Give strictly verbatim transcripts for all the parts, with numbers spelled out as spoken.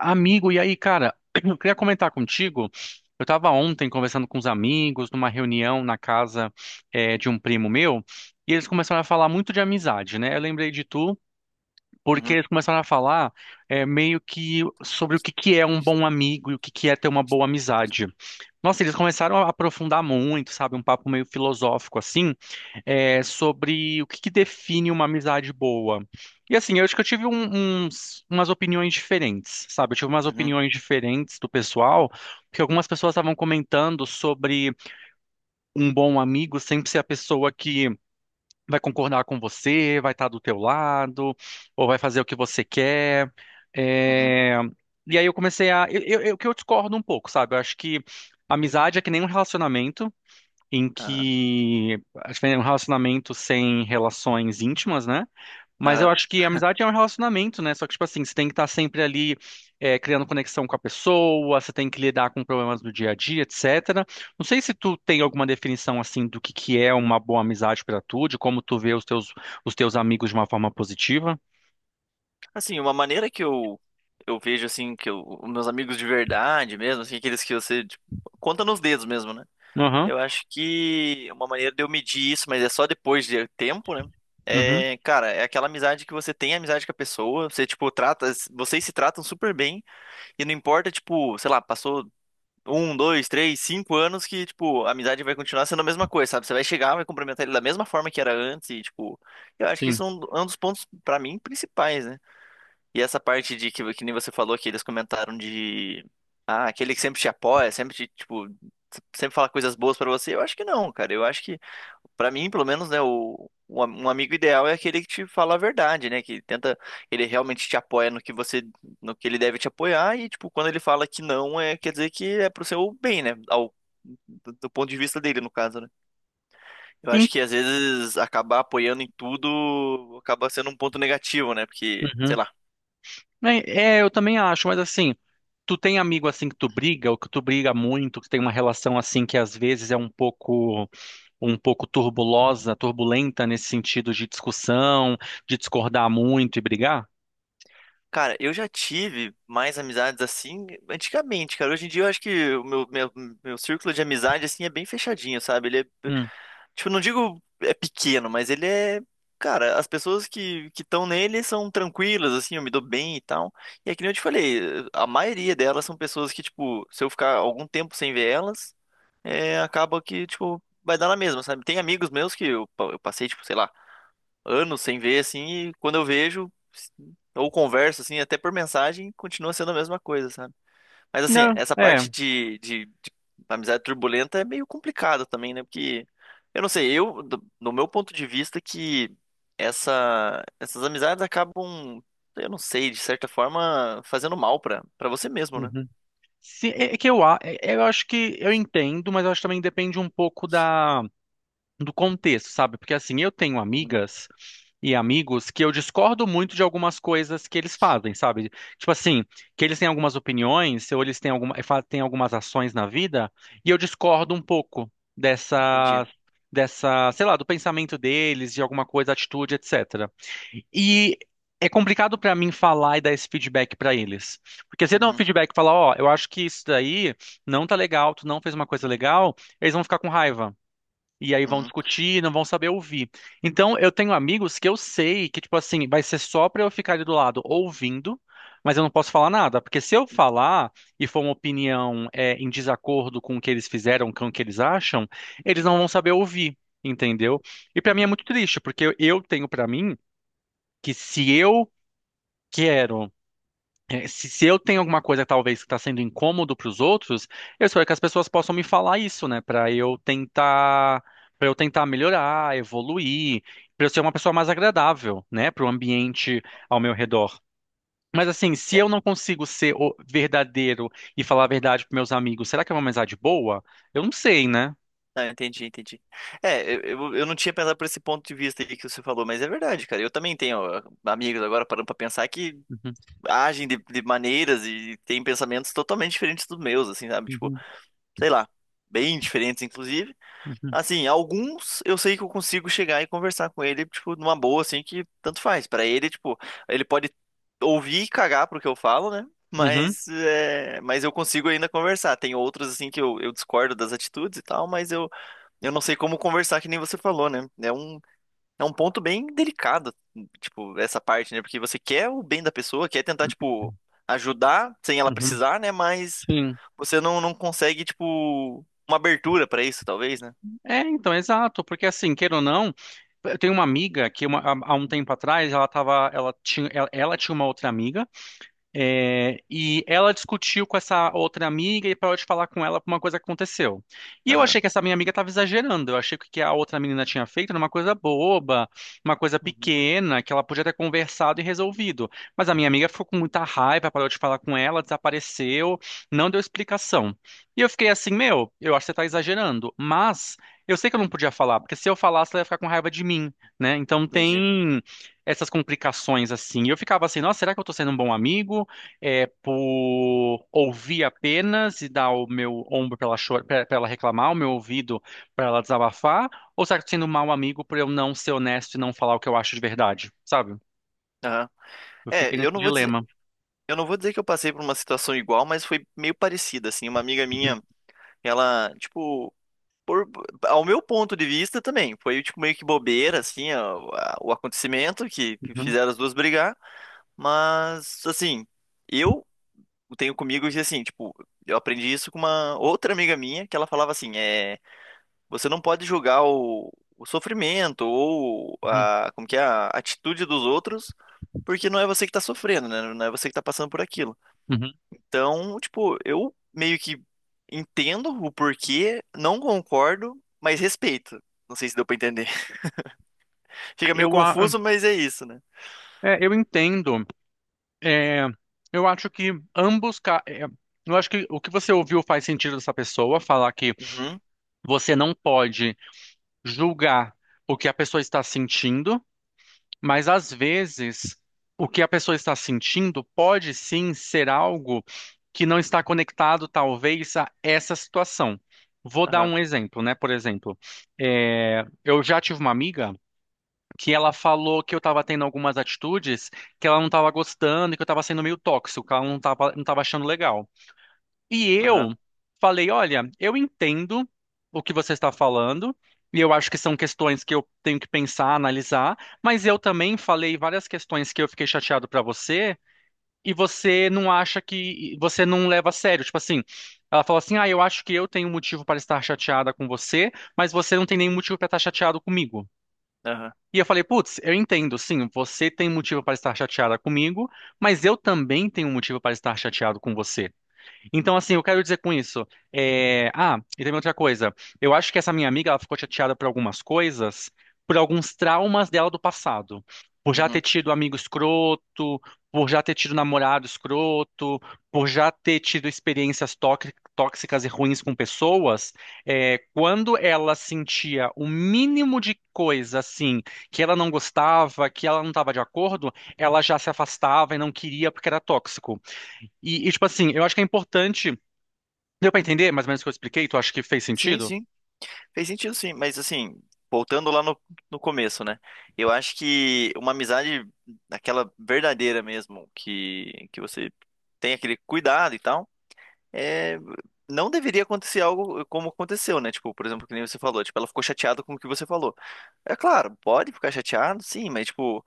Amigo, e aí, cara, eu queria comentar contigo. Eu tava ontem conversando com uns amigos, numa reunião na casa eh, de um primo meu, e eles começaram a falar muito de amizade, né? Eu lembrei de tu, porque Uhum, eles começaram a falar, eh, meio que sobre o que que é um bom amigo e o que que é ter uma boa amizade. Nossa, eles começaram a aprofundar muito, sabe? Um papo meio filosófico assim, é, sobre o que que define uma amizade boa. E assim, eu acho que eu tive um- uns- umas opiniões diferentes, sabe? Eu tive umas uhum, opiniões diferentes do pessoal, porque algumas pessoas estavam comentando sobre um bom amigo sempre ser a pessoa que vai concordar com você, vai estar do teu lado, ou vai fazer o que você quer. uhum. É. E aí eu comecei a. eu- eu- eu- que eu discordo um pouco, sabe? Eu acho que amizade é que nem um relacionamento, em Aham, que acho que é um relacionamento sem relações íntimas, né? Mas eu aham. acho que a amizade é um relacionamento, né? Só que, tipo assim, você tem que estar sempre ali, é, criando conexão com a pessoa, você tem que lidar com problemas do dia a dia, etcétera. Não sei se tu tem alguma definição, assim, do que que é uma boa amizade pra tu, de como tu vê os teus, os teus amigos de uma forma positiva. Assim, uma maneira que eu, eu vejo, assim, que eu, os meus amigos de verdade mesmo, assim, aqueles que você, tipo, conta nos dedos mesmo, né? Aham, Eu acho que uma maneira de eu medir isso, mas é só depois de tempo, né? uhum, É, cara, é aquela amizade que você tem amizade com a pessoa, você, tipo, trata, vocês se tratam super bem, e não importa, tipo, sei lá, passou um, dois, três, cinco anos que, tipo, a amizade vai continuar sendo a mesma coisa, sabe? Você vai chegar, vai cumprimentar ele da mesma forma que era antes e, tipo, eu acho que sim. isso é um, é um dos pontos, pra mim, principais, né? E essa parte de que, que nem você falou que eles comentaram de. Ah, aquele que sempre te apoia, sempre te, tipo, sempre fala coisas boas pra você. Eu acho que não, cara. Eu acho que, pra mim, pelo menos, né, o, o am- um amigo ideal é aquele que te fala a verdade, né? Que tenta, ele realmente te apoia no que você, no que ele deve te apoiar e, tipo, quando ele fala que não, é, quer dizer que é pro seu bem, né? Ao, do, do ponto de vista dele, no caso, né? Eu acho que às vezes acabar apoiando em tudo acaba sendo um ponto negativo, né? Porque, sei Sim. lá, É, é, eu também acho, mas assim, tu tem amigo assim que tu briga, ou que tu briga muito, que tem uma relação assim que às vezes é um pouco, um pouco turbulosa, turbulenta nesse sentido de discussão, de discordar muito e brigar? cara, eu já tive mais amizades assim antigamente, cara. Hoje em dia eu acho que o meu, meu, meu círculo de amizade assim é bem fechadinho, sabe? Ele é, Hum. tipo, não digo é pequeno, mas ele é, cara, as pessoas que que estão nele são tranquilas assim, eu me dou bem e tal. E é que nem eu te falei, a maioria delas são pessoas que, tipo, se eu ficar algum tempo sem ver elas, é, acaba que, tipo, vai dar na mesma, sabe? Tem amigos meus que eu, pa- eu passei, tipo, sei lá, anos sem ver, assim, e quando eu vejo, ou converso, assim, até por mensagem, continua sendo a mesma coisa, sabe? Mas, assim, Não, essa parte é. de, de, de amizade turbulenta é meio complicada também, né? Porque, eu não sei, eu, do, do meu ponto de vista, que essa, essas amizades acabam, eu não sei, de certa forma, fazendo mal pra, pra você mesmo, né? Uhum. Se- é é que eu, a- é- eu acho que eu entendo, mas eu acho que também depende um pouco da do contexto, sabe? Porque assim, eu tenho Uhum, amigas e amigos que eu discordo muito de algumas coisas que eles fazem, sabe? Tipo assim, que eles têm algumas opiniões, ou eles têm alguma, fa- têm algumas ações na vida, e eu discordo um pouco entendi. dessa dessa, sei lá, do pensamento deles, de alguma coisa, atitude, etcétera. E é complicado pra mim falar e dar esse feedback pra eles. Porque se eu der um Uhum, feedback e falar, ó, eu acho que isso daí não tá legal, tu não fez uma coisa legal, eles vão ficar com raiva. E aí vão uhum, discutir, não vão saber ouvir. Então, eu tenho amigos que eu sei que, tipo assim, vai ser só pra eu ficar ali do lado ouvindo, mas eu não posso falar nada. Porque se eu falar e for uma opinião, é, em desacordo com o que eles fizeram, com o que eles acham, eles não vão saber ouvir, entendeu? E pra mim é uhum, muito triste, porque eu eu tenho pra mim que se eu quero. É. Se, se eu tenho alguma coisa talvez que está sendo incômodo para os outros, eu espero que as pessoas possam me falar isso, né? Para eu tentar, para eu tentar melhorar, evoluir, para eu ser uma pessoa mais agradável, né? Para o ambiente ao uhum. meu redor. Mas assim, se eu não consigo ser o verdadeiro e falar a verdade para meus amigos, será que é uma amizade boa? Eu não sei, né? Ah, entendi, entendi. É, eu, eu eu não tinha pensado por esse ponto de vista aí que você falou, mas é verdade, cara. Eu também tenho ó, amigos agora parando pra pensar que Uhum, agem de, de maneiras e têm pensamentos totalmente diferentes dos meus, assim, sabe? Tipo, uhum, sei lá, bem diferentes, inclusive. Assim, alguns eu sei que eu consigo chegar e conversar com ele, tipo, numa boa, assim, que tanto faz. Pra ele, tipo, ele pode ouvir e cagar pro que eu falo, né? uhum, uhum, Mas, é, mas eu consigo ainda conversar. Tem outros, assim, que eu, eu discordo das atitudes e tal, mas eu eu não sei como conversar, que nem você falou, né? É um, é um ponto bem delicado, tipo, essa parte, né? Porque você quer o bem da pessoa, quer tentar, tipo, ajudar sem ela uhum, precisar, né? Mas sim. você não, não consegue, tipo, uma abertura pra isso, talvez, né? É, então, exato, porque assim, queira ou não, eu tenho uma amiga que uma- há há um tempo atrás ela tava, ela tinha, ela, ela tinha uma outra amiga, é, e ela discutiu com essa outra amiga e parou de falar com ela por uma coisa que aconteceu. E eu Aham. achei que essa minha amiga estava exagerando. Eu achei que o que a outra menina tinha feito era uma coisa boba, uma coisa Uhum, pequena, que ela podia ter conversado e resolvido. Mas a minha amiga ficou com muita raiva, parou de falar com ela, desapareceu, não deu explicação. E eu fiquei assim, meu, eu acho que você está exagerando. Mas eu sei que eu não podia falar, porque se eu falasse, ela ia ficar com raiva de mim, né? Então entendi. tem essas complicações assim. E eu ficava assim, nossa, será que eu tô sendo um bom amigo? É por ouvir apenas e dar o meu ombro para ela chorar, para ela reclamar, o meu ouvido para ela desabafar, ou será que eu tô sendo um mau amigo por eu não ser honesto e não falar o que eu acho de verdade, sabe? Aham. Eu É, fiquei eu nesse não vou dizer, dilema. eu não vou dizer que eu passei por uma situação igual, mas foi meio parecida, assim. Uma amiga Uhum, minha, ela, tipo, por- ao meu ponto de vista também, foi tipo meio que bobeira assim, a- a- o acontecimento que, que uhum, fizeram as duas brigar, mas assim, eu tenho comigo que assim, tipo, eu aprendi isso com uma outra amiga minha, que ela falava assim, é, você não pode julgar o, o sofrimento ou uhum, a, como que é, a atitude dos outros, porque não é você que tá sofrendo, né? Não é você que tá passando por aquilo. uhum. Então, tipo, eu meio que entendo o porquê, não concordo, mas respeito. Não sei se deu pra entender. Fica meio Eu, a- confuso, mas é isso, né? é, eu entendo. É, eu acho que ambos. ca- é, eu acho que o que você ouviu faz sentido dessa pessoa falar que Uhum, você não pode julgar o que a pessoa está sentindo. Mas às vezes, o que a pessoa está sentindo pode sim ser algo que não está conectado, talvez, a essa situação. Vou dar aham, um exemplo, né? Por exemplo, é, eu já tive uma amiga que ela falou que eu estava tendo algumas atitudes que ela não estava gostando, e que eu estava sendo meio tóxico, que ela não estava não estava achando legal. E aham, eu falei, olha, eu entendo o que você está falando, e eu acho que são questões que eu tenho que pensar, analisar, mas eu também falei várias questões que eu fiquei chateado para você, e você não acha que você não leva a sério, tipo assim, ela falou assim: "Ah, eu acho que eu tenho um motivo para estar chateada com você, mas você não tem nenhum motivo para estar chateado comigo". aham, E eu falei, putz, eu entendo, sim, você tem motivo para estar chateada comigo, mas eu também tenho um motivo para estar chateado com você. Então, assim, eu quero dizer com isso. é, Ah, e também outra coisa. Eu acho que essa minha amiga, ela ficou chateada por algumas coisas, por alguns traumas dela do passado. Por já ter uhum. tido amigo escroto, por já ter tido namorado escroto, por já ter tido experiências tóxi- tóxicas e ruins com pessoas. é, Quando ela sentia o mínimo de coisa, assim, que ela não gostava, que ela não estava de acordo, ela já se afastava e não queria porque era tóxico. E, e, tipo assim, eu acho que é importante. Deu pra entender mais ou menos o que eu expliquei? Tu acha que fez Sim, sentido? sim. Fez sentido, sim. Mas, assim, voltando lá no, no começo, né? Eu acho que uma amizade, aquela verdadeira mesmo, que, que você tem aquele cuidado e tal. É, não deveria acontecer algo como aconteceu, né? Tipo, por exemplo, que nem você falou, tipo, ela ficou chateada com o que você falou. É claro, pode ficar chateado, sim, mas tipo,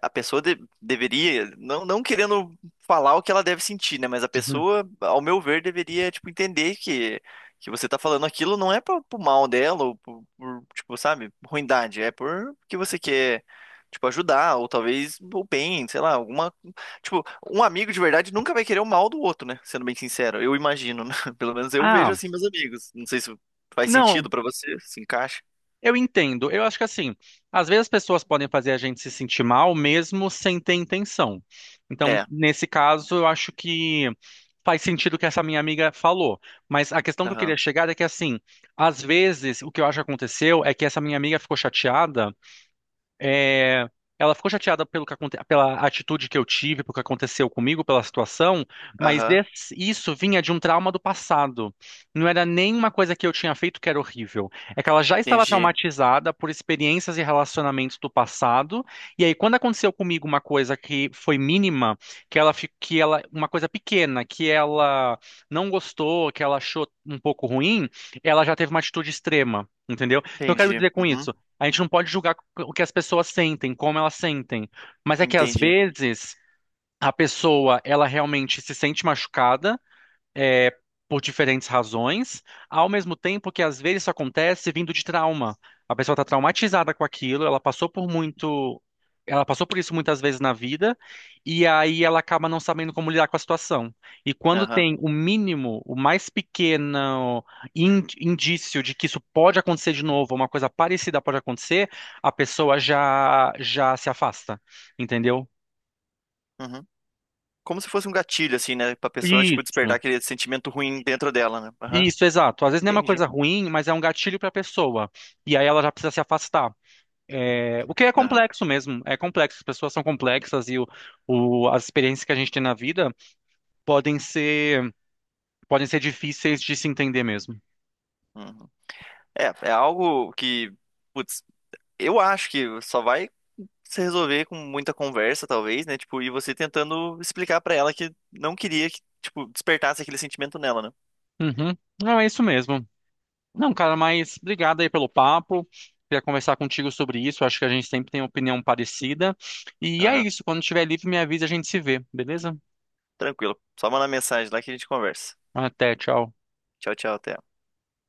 a pessoa de- deveria, não, não querendo falar o que ela deve sentir, né? Mas a Uhum. pessoa, ao meu ver, deveria, tipo, entender que, que você tá falando aquilo não é pro, pro mal dela, ou por, por, tipo, sabe, ruindade, é por que você quer, tipo, ajudar, ou talvez o bem, sei lá, alguma. Tipo, um amigo de verdade nunca vai querer o mal do outro, né? Sendo bem sincero, eu imagino, né? Pelo menos eu Ah, vejo assim, meus amigos. Não sei se faz não, sentido pra você, se encaixa. eu entendo. Eu acho que assim, às vezes as pessoas podem fazer a gente se sentir mal mesmo sem ter intenção. Então, É, nesse caso, eu acho que faz sentido o que essa minha amiga falou. Mas a questão que eu queria aham, chegar é que assim, às vezes o que eu acho que aconteceu é que essa minha amiga ficou chateada. É, ela ficou chateada pelo que aconte... pela atitude que eu tive, pelo que aconteceu comigo, pela situação, mas aham, esse- isso vinha de um trauma do passado. Não era nenhuma coisa que eu tinha feito que era horrível. É que ela já estava entendi, traumatizada por experiências e relacionamentos do passado, e aí quando aconteceu comigo uma coisa que foi mínima, que ela fi- que ela uma coisa pequena, que ela não gostou, que ela achou um pouco ruim, ela já teve uma atitude extrema. Entendeu? Então, eu quero entendi, dizer com uhum, isso. A gente não pode julgar o que as pessoas sentem, como elas sentem. Mas é que às entendi. vezes a pessoa, ela realmente se sente machucada, é, por diferentes razões, ao mesmo tempo que às vezes isso acontece vindo de trauma. A pessoa está traumatizada com aquilo, ela passou por muito, ela passou por isso muitas vezes na vida, e aí ela acaba não sabendo como lidar com a situação. E quando Aham. tem o mínimo, o mais pequeno in- indício de que isso pode acontecer de novo, uma coisa parecida pode acontecer, a pessoa já já se afasta, entendeu? Uhum. Como se fosse um gatilho, assim, né? Pra pessoa, tipo, despertar Isso. aquele sentimento ruim dentro dela, né? Aham. Isso, exato. Às vezes nem é uma Entendi. coisa ruim, mas é um gatilho para a pessoa. E aí ela já precisa se afastar. É, o que é Aham. complexo mesmo, é complexo. As pessoas são complexas e o, o- as experiências que a gente tem na vida podem ser, podem ser difíceis de se entender mesmo. Uhum. É, é algo que, putz, eu acho que só vai se resolver com muita conversa, talvez, né? Tipo, e você tentando explicar pra ela que não queria que, tipo, despertasse aquele sentimento nela, né? Uhum. Não, é isso mesmo. Não, cara, mas obrigado aí pelo papo. Queria conversar contigo sobre isso. Acho que a gente sempre tem opinião parecida. E é Aham. isso. Quando estiver livre, me avisa, a gente se vê, beleza? Tranquilo. Só mandar mensagem lá que a gente conversa. Até, tchau. Tchau, tchau, até.